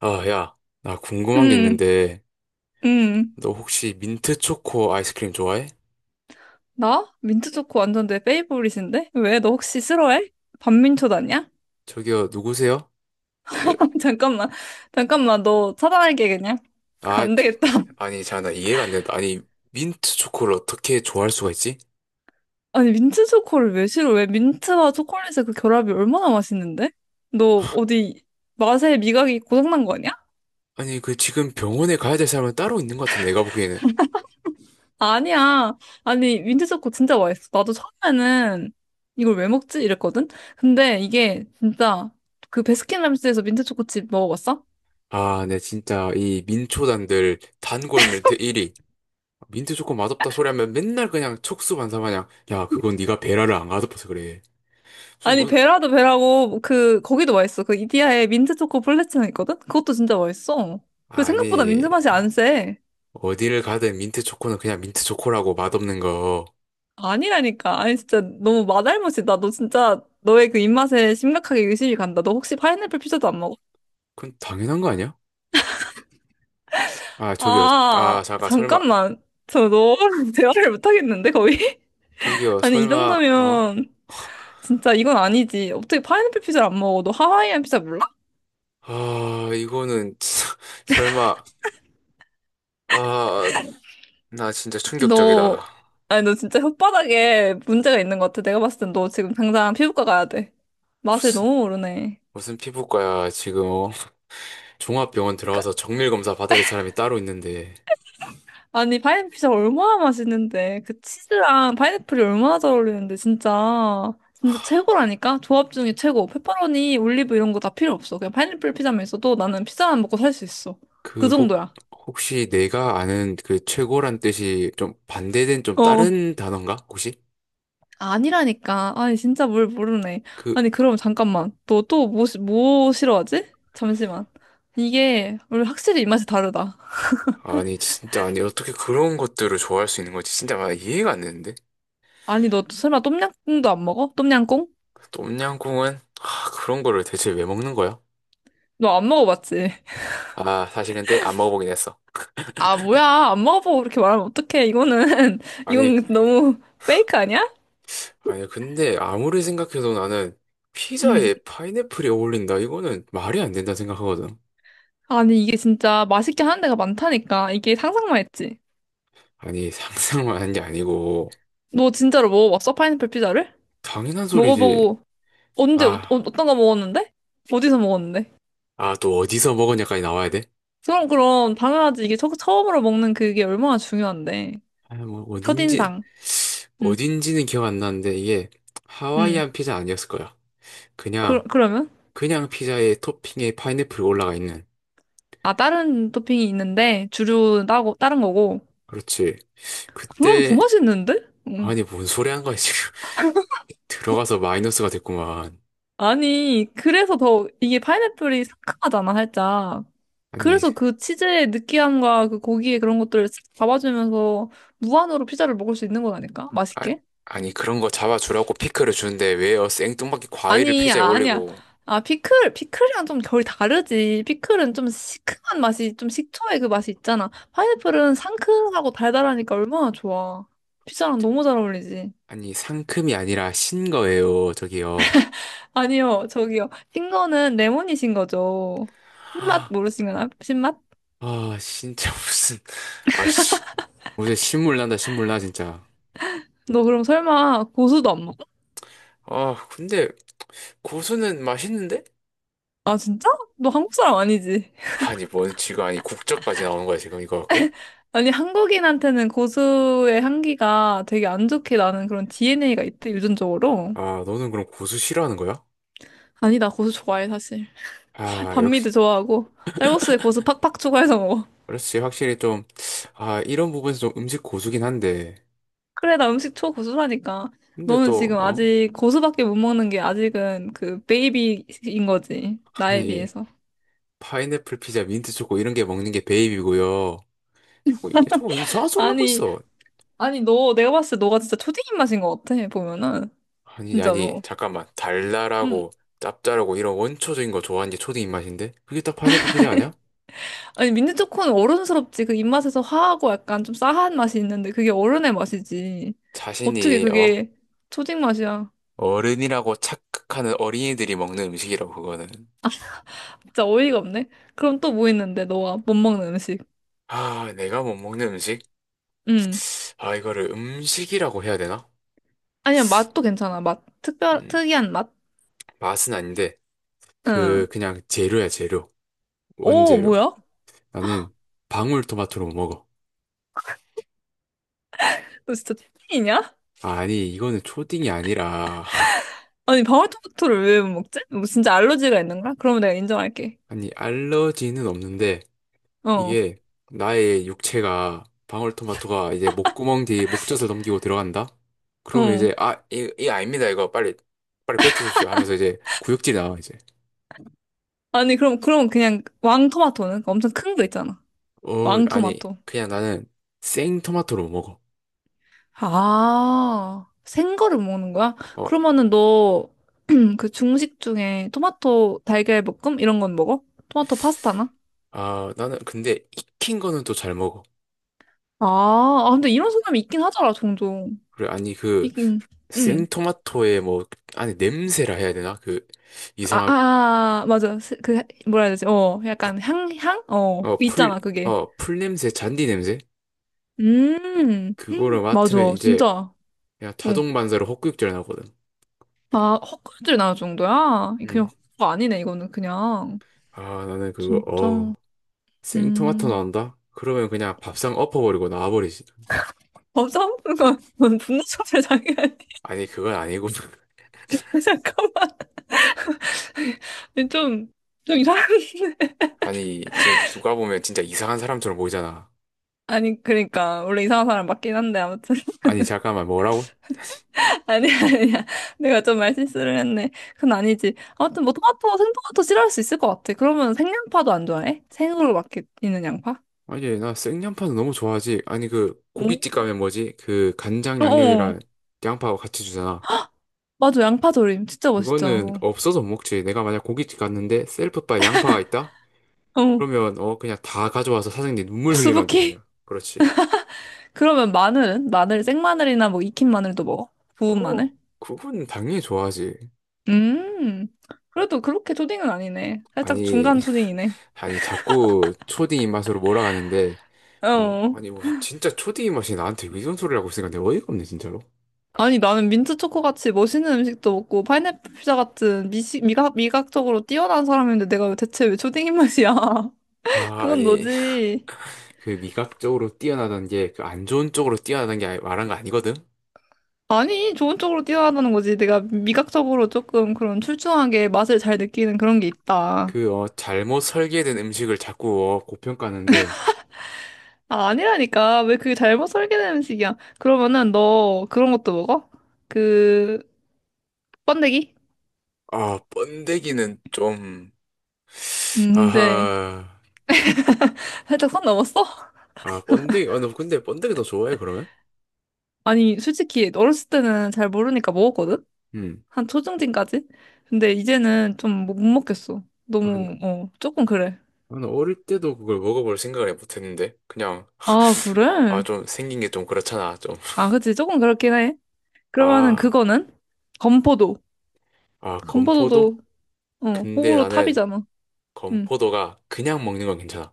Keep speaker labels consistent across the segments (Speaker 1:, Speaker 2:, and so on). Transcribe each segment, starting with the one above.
Speaker 1: 아, 야, 나 궁금한 게
Speaker 2: 음,
Speaker 1: 있는데,
Speaker 2: 음.
Speaker 1: 너 혹시 민트 초코 아이스크림 좋아해?
Speaker 2: 나? 민트 초코 완전 내 페이보릿인데? 왜? 너 혹시 싫어해? 반민초 다냐?
Speaker 1: 저기요, 누구세요? 저,
Speaker 2: 잠깐만, 잠깐만, 너 차단할게, 그냥.
Speaker 1: 아, 참,
Speaker 2: 안 되겠다.
Speaker 1: 진짜. 아니, 자, 나 이해가 안 된다. 아니, 민트 초코를 어떻게 좋아할 수가 있지?
Speaker 2: 아니, 민트 초코를 왜 싫어? 왜 민트와 초콜릿의 그 결합이 얼마나 맛있는데? 너 어디 맛에 미각이 고장난 거 아니야?
Speaker 1: 아니, 그 지금 병원에 가야 될 사람은 따로 있는 것 같은데, 내가 보기에는.
Speaker 2: 아니야. 아니, 민트 초코 진짜 맛있어. 나도 처음에는 이걸 왜 먹지? 이랬거든? 근데 이게 진짜 그 베스킨라빈스에서 민트 초코칩 먹어봤어?
Speaker 1: 아, 네, 진짜, 이 민초단들 단골 밀트 1위. 민트 초코 맛없다 소리 하면 맨날 그냥 촉수반사 마냥, 야, 그건 네가 베라를 안 가둬봐서 그래. 무슨,
Speaker 2: 아니
Speaker 1: 뭐,
Speaker 2: 베라도 베라고 그 거기도 맛있어. 그 이디야에 민트 초코 플레츠는 있거든. 그것도 진짜 맛있어. 그 생각보다
Speaker 1: 아니,
Speaker 2: 민트 맛이 안 세.
Speaker 1: 어디를 가든 민트 초코는 그냥 민트 초코라고 맛없는 거.
Speaker 2: 아니라니까. 아니 진짜 너무 맛알못이다. 너 진짜 너의 그 입맛에 심각하게 의심이 간다. 너 혹시 파인애플 피자도 안 먹어?
Speaker 1: 그건 당연한 거 아니야? 아, 저기요. 아,
Speaker 2: 아
Speaker 1: 잠깐, 설마.
Speaker 2: 잠깐만. 저 너랑 대화를 못 하겠는데 거의?
Speaker 1: 저기요,
Speaker 2: 아니 이
Speaker 1: 설마, 어?
Speaker 2: 정도면 진짜 이건 아니지. 어떻게 파인애플 피자를 안 먹어? 너 하와이안 피자 몰라?
Speaker 1: 아, 이거는, 진짜 설마, 아, 나 진짜
Speaker 2: 너,
Speaker 1: 충격적이다.
Speaker 2: 아니, 너 진짜 혓바닥에 문제가 있는 것 같아. 내가 봤을 땐 너 지금 당장 피부과 가야 돼. 맛을
Speaker 1: 무슨,
Speaker 2: 너무 모르네.
Speaker 1: 무슨 피부과야, 지금, 어? 종합병원
Speaker 2: 그러니까,
Speaker 1: 들어가서 정밀검사 받아야 할 사람이 따로 있는데,
Speaker 2: 아니, 파인애플 피자 얼마나 맛있는데. 그 치즈랑 파인애플이 얼마나 잘 어울리는데, 진짜. 진짜 최고라니까? 조합 중에 최고. 페퍼로니, 올리브 이런 거 다 필요 없어. 그냥 파인애플 피자만 있어도 나는 피자만 먹고 살 수 있어. 그
Speaker 1: 그, 혹,
Speaker 2: 정도야.
Speaker 1: 혹시 내가 아는 그 최고란 뜻이 좀 반대된 좀
Speaker 2: 어.
Speaker 1: 다른 단어인가? 혹시?
Speaker 2: 아니라니까. 아니, 진짜 뭘 모르네.
Speaker 1: 그,
Speaker 2: 아니, 그럼 잠깐만. 너 또 뭐, 뭐 싫어하지? 잠시만. 이게, 우리 확실히 입맛이 다르다.
Speaker 1: 아니, 진짜, 아니, 어떻게 그런 것들을 좋아할 수 있는 거지? 진짜, 아, 이해가 안 되는데?
Speaker 2: 아니, 너 설마 똠양꿍도 안 먹어? 똠양꿍?
Speaker 1: 똠양꿍은 하, 그런 거를 대체 왜 먹는 거야?
Speaker 2: 너 안 먹어봤지?
Speaker 1: 아, 사실 근데 안 먹어보긴 했어.
Speaker 2: 아, 뭐야. 안 먹어보고 그렇게 말하면 어떡해. 이거는,
Speaker 1: 아니,
Speaker 2: 이건 너무 페이크 아니야?
Speaker 1: 아니 근데 아무리 생각해도 나는
Speaker 2: 응.
Speaker 1: 피자에 파인애플이 어울린다. 이거는 말이 안 된다 생각하거든.
Speaker 2: 아니, 이게 진짜 맛있게 하는 데가 많다니까. 이게 상상만 했지.
Speaker 1: 아니, 상상만 한 게 아니고
Speaker 2: 너 진짜로 먹어봤어? 파인애플 피자를?
Speaker 1: 당연한 소리지.
Speaker 2: 먹어보고, 언제,
Speaker 1: 아,
Speaker 2: 어떤 거 먹었는데? 어디서 먹었는데?
Speaker 1: 아, 또 어디서 먹었냐까지 나와야 돼?
Speaker 2: 그럼, 그럼, 당연하지. 이게 처음으로 먹는 그게 얼마나 중요한데.
Speaker 1: 아, 뭐 어딘지
Speaker 2: 첫인상. 응,
Speaker 1: 어딘지는 기억 안 나는데 이게
Speaker 2: 응.
Speaker 1: 하와이안 피자 아니었을 거야.
Speaker 2: 그,
Speaker 1: 그냥
Speaker 2: 그러면?
Speaker 1: 그냥 피자에 토핑에 파인애플이 올라가 있는.
Speaker 2: 아, 다른 토핑이 있는데, 주류 따고, 다른 거고.
Speaker 1: 그렇지.
Speaker 2: 그럼 더
Speaker 1: 그때
Speaker 2: 맛있는데? 응.
Speaker 1: 아니, 뭔 소리 한 거야, 지금. 들어가서 마이너스가 됐구만.
Speaker 2: 아니, 그래서 더, 이게 파인애플이 상큼하잖아, 살짝.
Speaker 1: 아니,
Speaker 2: 그래서 그 치즈의 느끼함과 그 고기의 그런 것들을 싹 잡아주면서 무한으로 피자를 먹을 수 있는 거라니까?
Speaker 1: 아,
Speaker 2: 맛있게?
Speaker 1: 아니, 그런 거 잡아주라고 피클을 주는데 왜요? 생뚱맞게 과일을
Speaker 2: 아니,
Speaker 1: 피자에
Speaker 2: 아니야.
Speaker 1: 올리고.
Speaker 2: 아, 피클, 피클이랑 좀 결이 다르지. 피클은 좀 시큼한 맛이, 좀 식초의 그 맛이 있잖아. 파인애플은 상큼하고 달달하니까 얼마나 좋아. 피자랑 너무 잘 어울리지.
Speaker 1: 아니, 상큼이 아니라 신 거예요, 저기요.
Speaker 2: 아니요, 저기요. 신 거는 레몬이신 거죠. 신맛
Speaker 1: 아,
Speaker 2: 모르신 거나? 신맛?
Speaker 1: 아, 진짜 무슨, 아, 씨. 무슨 신물 난다, 신물 나, 진짜.
Speaker 2: 너 그럼 설마 고수도 안 먹어?
Speaker 1: 아, 근데 고수는 맛있는데?
Speaker 2: 아, 진짜? 너 한국 사람 아니지?
Speaker 1: 아니, 뭔 지금, 아니, 국자까지 나오는 거야, 지금 이거 갖고?
Speaker 2: 아니, 한국인한테는 고수의 향기가 되게 안 좋게 나는 그런 DNA가 있대, 유전적으로.
Speaker 1: 아, 너는 그럼 고수 싫어하는 거야?
Speaker 2: 아니, 나 고수 좋아해, 사실.
Speaker 1: 아, 역시.
Speaker 2: 반미도 좋아하고 쌀국수에 고수 팍팍 추가해서 먹어.
Speaker 1: 그렇지. 확실히 좀, 아, 이런 부분에서 좀 음식 고수긴 한데.
Speaker 2: 그래, 나 음식 초고수라니까.
Speaker 1: 근데
Speaker 2: 너는
Speaker 1: 또,
Speaker 2: 지금
Speaker 1: 어?
Speaker 2: 아직 고수밖에 못 먹는 게 아직은 그 베이비인 거지. 나에
Speaker 1: 아니,
Speaker 2: 비해서.
Speaker 1: 파인애플 피자, 민트 초코 이런 게 먹는 게 베이비고요. 자꾸, 자꾸 이상한 소리를 하고
Speaker 2: 아니,
Speaker 1: 있어.
Speaker 2: 아니 너 내가 봤을 때 너가 진짜 초딩 입맛인 것 같아. 보면은
Speaker 1: 아니, 아니,
Speaker 2: 진짜로.
Speaker 1: 잠깐만.
Speaker 2: 음.
Speaker 1: 달달하고 짭짤하고 이런 원초적인 거 좋아하는 게 초딩 입맛인데? 그게 다 파인애플 피자 아니야?
Speaker 2: 아니 민트 초코는 어른스럽지. 그 입맛에서 화하고 약간 좀 싸한 맛이 있는데 그게 어른의 맛이지. 어떻게
Speaker 1: 자신이, 어?
Speaker 2: 그게 초딩 맛이야?
Speaker 1: 어른이라고 착각하는 어린이들이 먹는 음식이라고, 그거는.
Speaker 2: 진짜 어이가 없네. 그럼 또 뭐 있는데 너가 못 먹는 음식?
Speaker 1: 아, 내가 못 먹는 음식?
Speaker 2: 음.
Speaker 1: 아, 이거를 음식이라고 해야 되나?
Speaker 2: 아니야, 맛도 괜찮아. 맛.
Speaker 1: 음,
Speaker 2: 특이한 맛?
Speaker 1: 맛은 아닌데. 그
Speaker 2: 응.
Speaker 1: 그냥 재료야 재료
Speaker 2: 오,
Speaker 1: 원재료
Speaker 2: 뭐야?
Speaker 1: 나는 방울토마토로 못 먹어.
Speaker 2: 너 진짜 특이냐
Speaker 1: 아니 이거는 초딩이 아니라
Speaker 2: 아니, 방울토마토를 왜 못 먹지? 뭐 진짜 알러지가 있는 거야? 그러면 내가 인정할게.
Speaker 1: 아니 알러지는 없는데
Speaker 2: 어,
Speaker 1: 이게 나의 육체가 방울토마토가 이제 목구멍 뒤 목젖을 넘기고 들어간다 그러면
Speaker 2: 어.
Speaker 1: 이제 아 이 아닙니다 이거 빨리 빨리 뱉으십시오 하면서 이제 구역질이 나와 이제
Speaker 2: 아니, 그럼, 그럼 그냥 왕토마토는? 그 엄청 큰 거 있잖아.
Speaker 1: 어 아니
Speaker 2: 왕토마토.
Speaker 1: 그냥 나는 생토마토로 못 먹어.
Speaker 2: 아, 생거를 먹는 거야?
Speaker 1: 어
Speaker 2: 그러면은 너, 그 중식 중에 토마토 달걀 볶음? 이런 건 먹어? 토마토 파스타나?
Speaker 1: 아 나는 근데 익힌 거는 또 잘 먹어.
Speaker 2: 아, 아, 근데 이런 사람이 있긴 하더라, 종종.
Speaker 1: 그래 아니 그
Speaker 2: 있긴, 응.
Speaker 1: 생토마토의 뭐 안에 냄새라 해야 되나? 그
Speaker 2: 아,
Speaker 1: 이상한
Speaker 2: 아, 맞아. 그, 뭐라 해야 되지? 어, 약간 향? 어,
Speaker 1: 어 풀
Speaker 2: 있잖아, 그게.
Speaker 1: 어 풀 냄새, 잔디 냄새? 그거를 맡으면
Speaker 2: 맞아.
Speaker 1: 이제
Speaker 2: 진짜.
Speaker 1: 그냥
Speaker 2: 어.
Speaker 1: 자동 반사로 헛구역질 나거든.
Speaker 2: 아, 헛구역질 나올 정도야? 그냥
Speaker 1: 음.
Speaker 2: 헛구가 아니네, 이거는 그냥.
Speaker 1: 아 나는 그거
Speaker 2: 진짜.
Speaker 1: 어우 생토마토
Speaker 2: 음.
Speaker 1: 나온다? 그러면 그냥 밥상 엎어버리고 나와버리지.
Speaker 2: 어, 싸우는 건 분노조절 장애아니
Speaker 1: 아니 그건 아니고
Speaker 2: 잠깐만. 좀, 좀 이상한.
Speaker 1: 아니 진짜 누가 보면 진짜 이상한 사람처럼 보이잖아.
Speaker 2: 아니, 그러니까. 원래 이상한 사람 맞긴 한데, 아무튼.
Speaker 1: 아니 잠깐만 뭐라고?
Speaker 2: 아니야. 내가 좀 말 실수를 했네. 그건 아니지. 아무튼 뭐 토마토, 생토마토 싫어할 수 있을 것 같아. 그러면 생양파도 안 좋아해? 생으로 막 이렇게 있는 양파?
Speaker 1: 아니 나 생양파는 너무 좋아하지. 아니 그
Speaker 2: 응?
Speaker 1: 고깃집 가면 뭐지? 그 간장
Speaker 2: 어, 어.
Speaker 1: 양념이랑 양파하고 같이 주잖아.
Speaker 2: 맞아, 양파 조림. 진짜 맛있잖아,
Speaker 1: 그거는
Speaker 2: 그거.
Speaker 1: 없어서 못 먹지. 내가 만약 고깃집 갔는데 셀프바 양파가 있다?
Speaker 2: 어.
Speaker 1: 그러면 어 그냥 다 가져와서 사장님 눈물 흘리막이 그냥.
Speaker 2: 수북히?
Speaker 1: 그렇지.
Speaker 2: 그러면 마늘은? 마늘, 생마늘이나 뭐 익힌 마늘도 먹어? 구운
Speaker 1: 어
Speaker 2: 마늘?
Speaker 1: 그건 당연히 좋아하지.
Speaker 2: 음. 그래도 그렇게 초딩은 아니네. 살짝
Speaker 1: 아니
Speaker 2: 중간 초딩이네.
Speaker 1: 아니 자꾸 초딩 입맛으로 몰아가는데 어
Speaker 2: 어.
Speaker 1: 아니 무슨 진짜 초딩 입맛이 나한테 이런 소리를 하고 있으니까 내가 어이가 없네 진짜로.
Speaker 2: 아니, 나는 민트 초코 같이 멋있는 음식도 먹고 파인애플 피자 같은 미식 미각, 미각적으로 뛰어난 사람인데 내가 왜 대체 왜 초딩 입맛이야?
Speaker 1: 아
Speaker 2: 그건
Speaker 1: 아니
Speaker 2: 너지.
Speaker 1: 그 미각적으로 뛰어나던 게 그 안 좋은 쪽으로 뛰어나던 게 말한 거 아니거든.
Speaker 2: 아니, 좋은 쪽으로 뛰어나다는 거지. 내가 미각적으로 조금 그런 출중하게 맛을 잘 느끼는 그런 게 있다.
Speaker 1: 그 어 잘못 설계된 음식을 자꾸 어, 고평가하는데.
Speaker 2: 아, 아니라니까. 왜 그게 잘못 설계된 음식이야? 그러면은 너 그런 것도 먹어? 그, 번데기?
Speaker 1: 아, 번데기는 좀,
Speaker 2: 근데
Speaker 1: 아하,
Speaker 2: 살짝 선 넘었어?
Speaker 1: 아, 번데기, 아, 너 근데 번데기 더 좋아해, 그러면?
Speaker 2: 아니, 솔직히 어렸을 때는 잘 모르니까 먹었거든?
Speaker 1: 음.
Speaker 2: 한 초중딩까지? 근데 이제는 좀 못 먹겠어.
Speaker 1: 아, 나는
Speaker 2: 너무, 어, 조금 그래.
Speaker 1: 어릴 때도 그걸 먹어볼 생각을 못 했는데, 그냥,
Speaker 2: 아,
Speaker 1: 아,
Speaker 2: 그래?
Speaker 1: 좀 생긴 게 좀 그렇잖아, 좀.
Speaker 2: 아, 그치. 조금 그렇긴 해. 그러면은
Speaker 1: 아,
Speaker 2: 그거는? 건포도.
Speaker 1: 아,
Speaker 2: 건포도도,
Speaker 1: 건포도?
Speaker 2: 어,
Speaker 1: 근데
Speaker 2: 호불호
Speaker 1: 나는
Speaker 2: 탑이잖아. 응.
Speaker 1: 건포도가 그냥 먹는 건 괜찮아.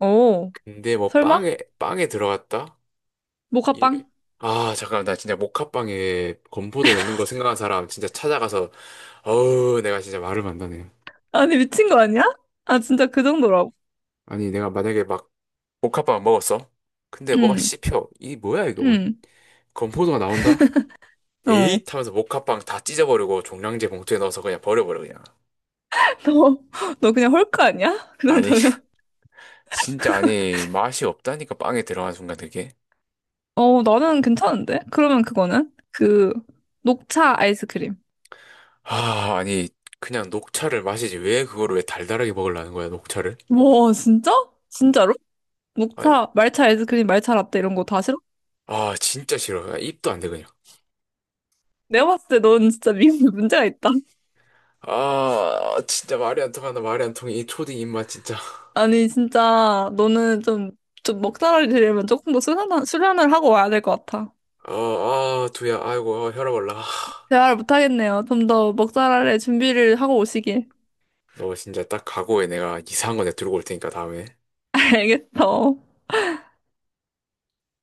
Speaker 2: 오,
Speaker 1: 근데 뭐
Speaker 2: 설마?
Speaker 1: 빵에, 빵에 들어갔다?
Speaker 2: 모카빵?
Speaker 1: 이래. 아, 잠깐만, 나 진짜 모카빵에 건포도 넣는 거 생각한 사람 진짜 찾아가서, 어우, 내가 진짜 말을 만다네.
Speaker 2: 아니, 미친 거 아니야? 아, 진짜 그 정도라고.
Speaker 1: 아니, 내가 만약에 막, 복합밥 먹었어? 근데 뭐가
Speaker 2: 응,
Speaker 1: 씹혀. 이 뭐야 이거 뭐
Speaker 2: 응,
Speaker 1: 건포도가 나온다?
Speaker 2: 어.
Speaker 1: 에잇 하면서 목합빵 다 찢어버리고 종량제 봉투에 넣어서 그냥 버려버려 그냥.
Speaker 2: 너, 너 그냥 헐크 아니야? 그
Speaker 1: 아니
Speaker 2: 정도면.
Speaker 1: 진짜 아니 맛이 없다니까 빵에 들어간 순간 그게.
Speaker 2: 어, 나는 괜찮은데? 그러면 그거는? 그, 녹차 아이스크림.
Speaker 1: 아 아니 그냥 녹차를 마시지 왜 그거를 왜 달달하게 먹으려는 거야 녹차를?
Speaker 2: 와, 진짜? 진짜로?
Speaker 1: 아,
Speaker 2: 목차, 말차 아이스크림, 말차 라떼 이런 거 다 싫어?
Speaker 1: 아 진짜 싫어. 아, 입도 안 돼 그냥.
Speaker 2: 내가 봤을 때 넌 진짜 미국에 문제가 있다.
Speaker 1: 아 진짜 말이 안 통한다 말이 안 통해 이 초딩 입맛 진짜.
Speaker 2: 아니, 진짜 너는 좀, 좀 먹잘알이 되려면 조금 더 수련을 하고 와야 될 것 같아.
Speaker 1: 아아 두야 아이고 아, 혈압 올라.
Speaker 2: 대화를 못하겠네요. 좀 더 먹잘알의 준비를 하고 오시길.
Speaker 1: 너 진짜 딱 각오해 내가 이상한 거 내가 들고 올 테니까 다음에.
Speaker 2: 알겠어.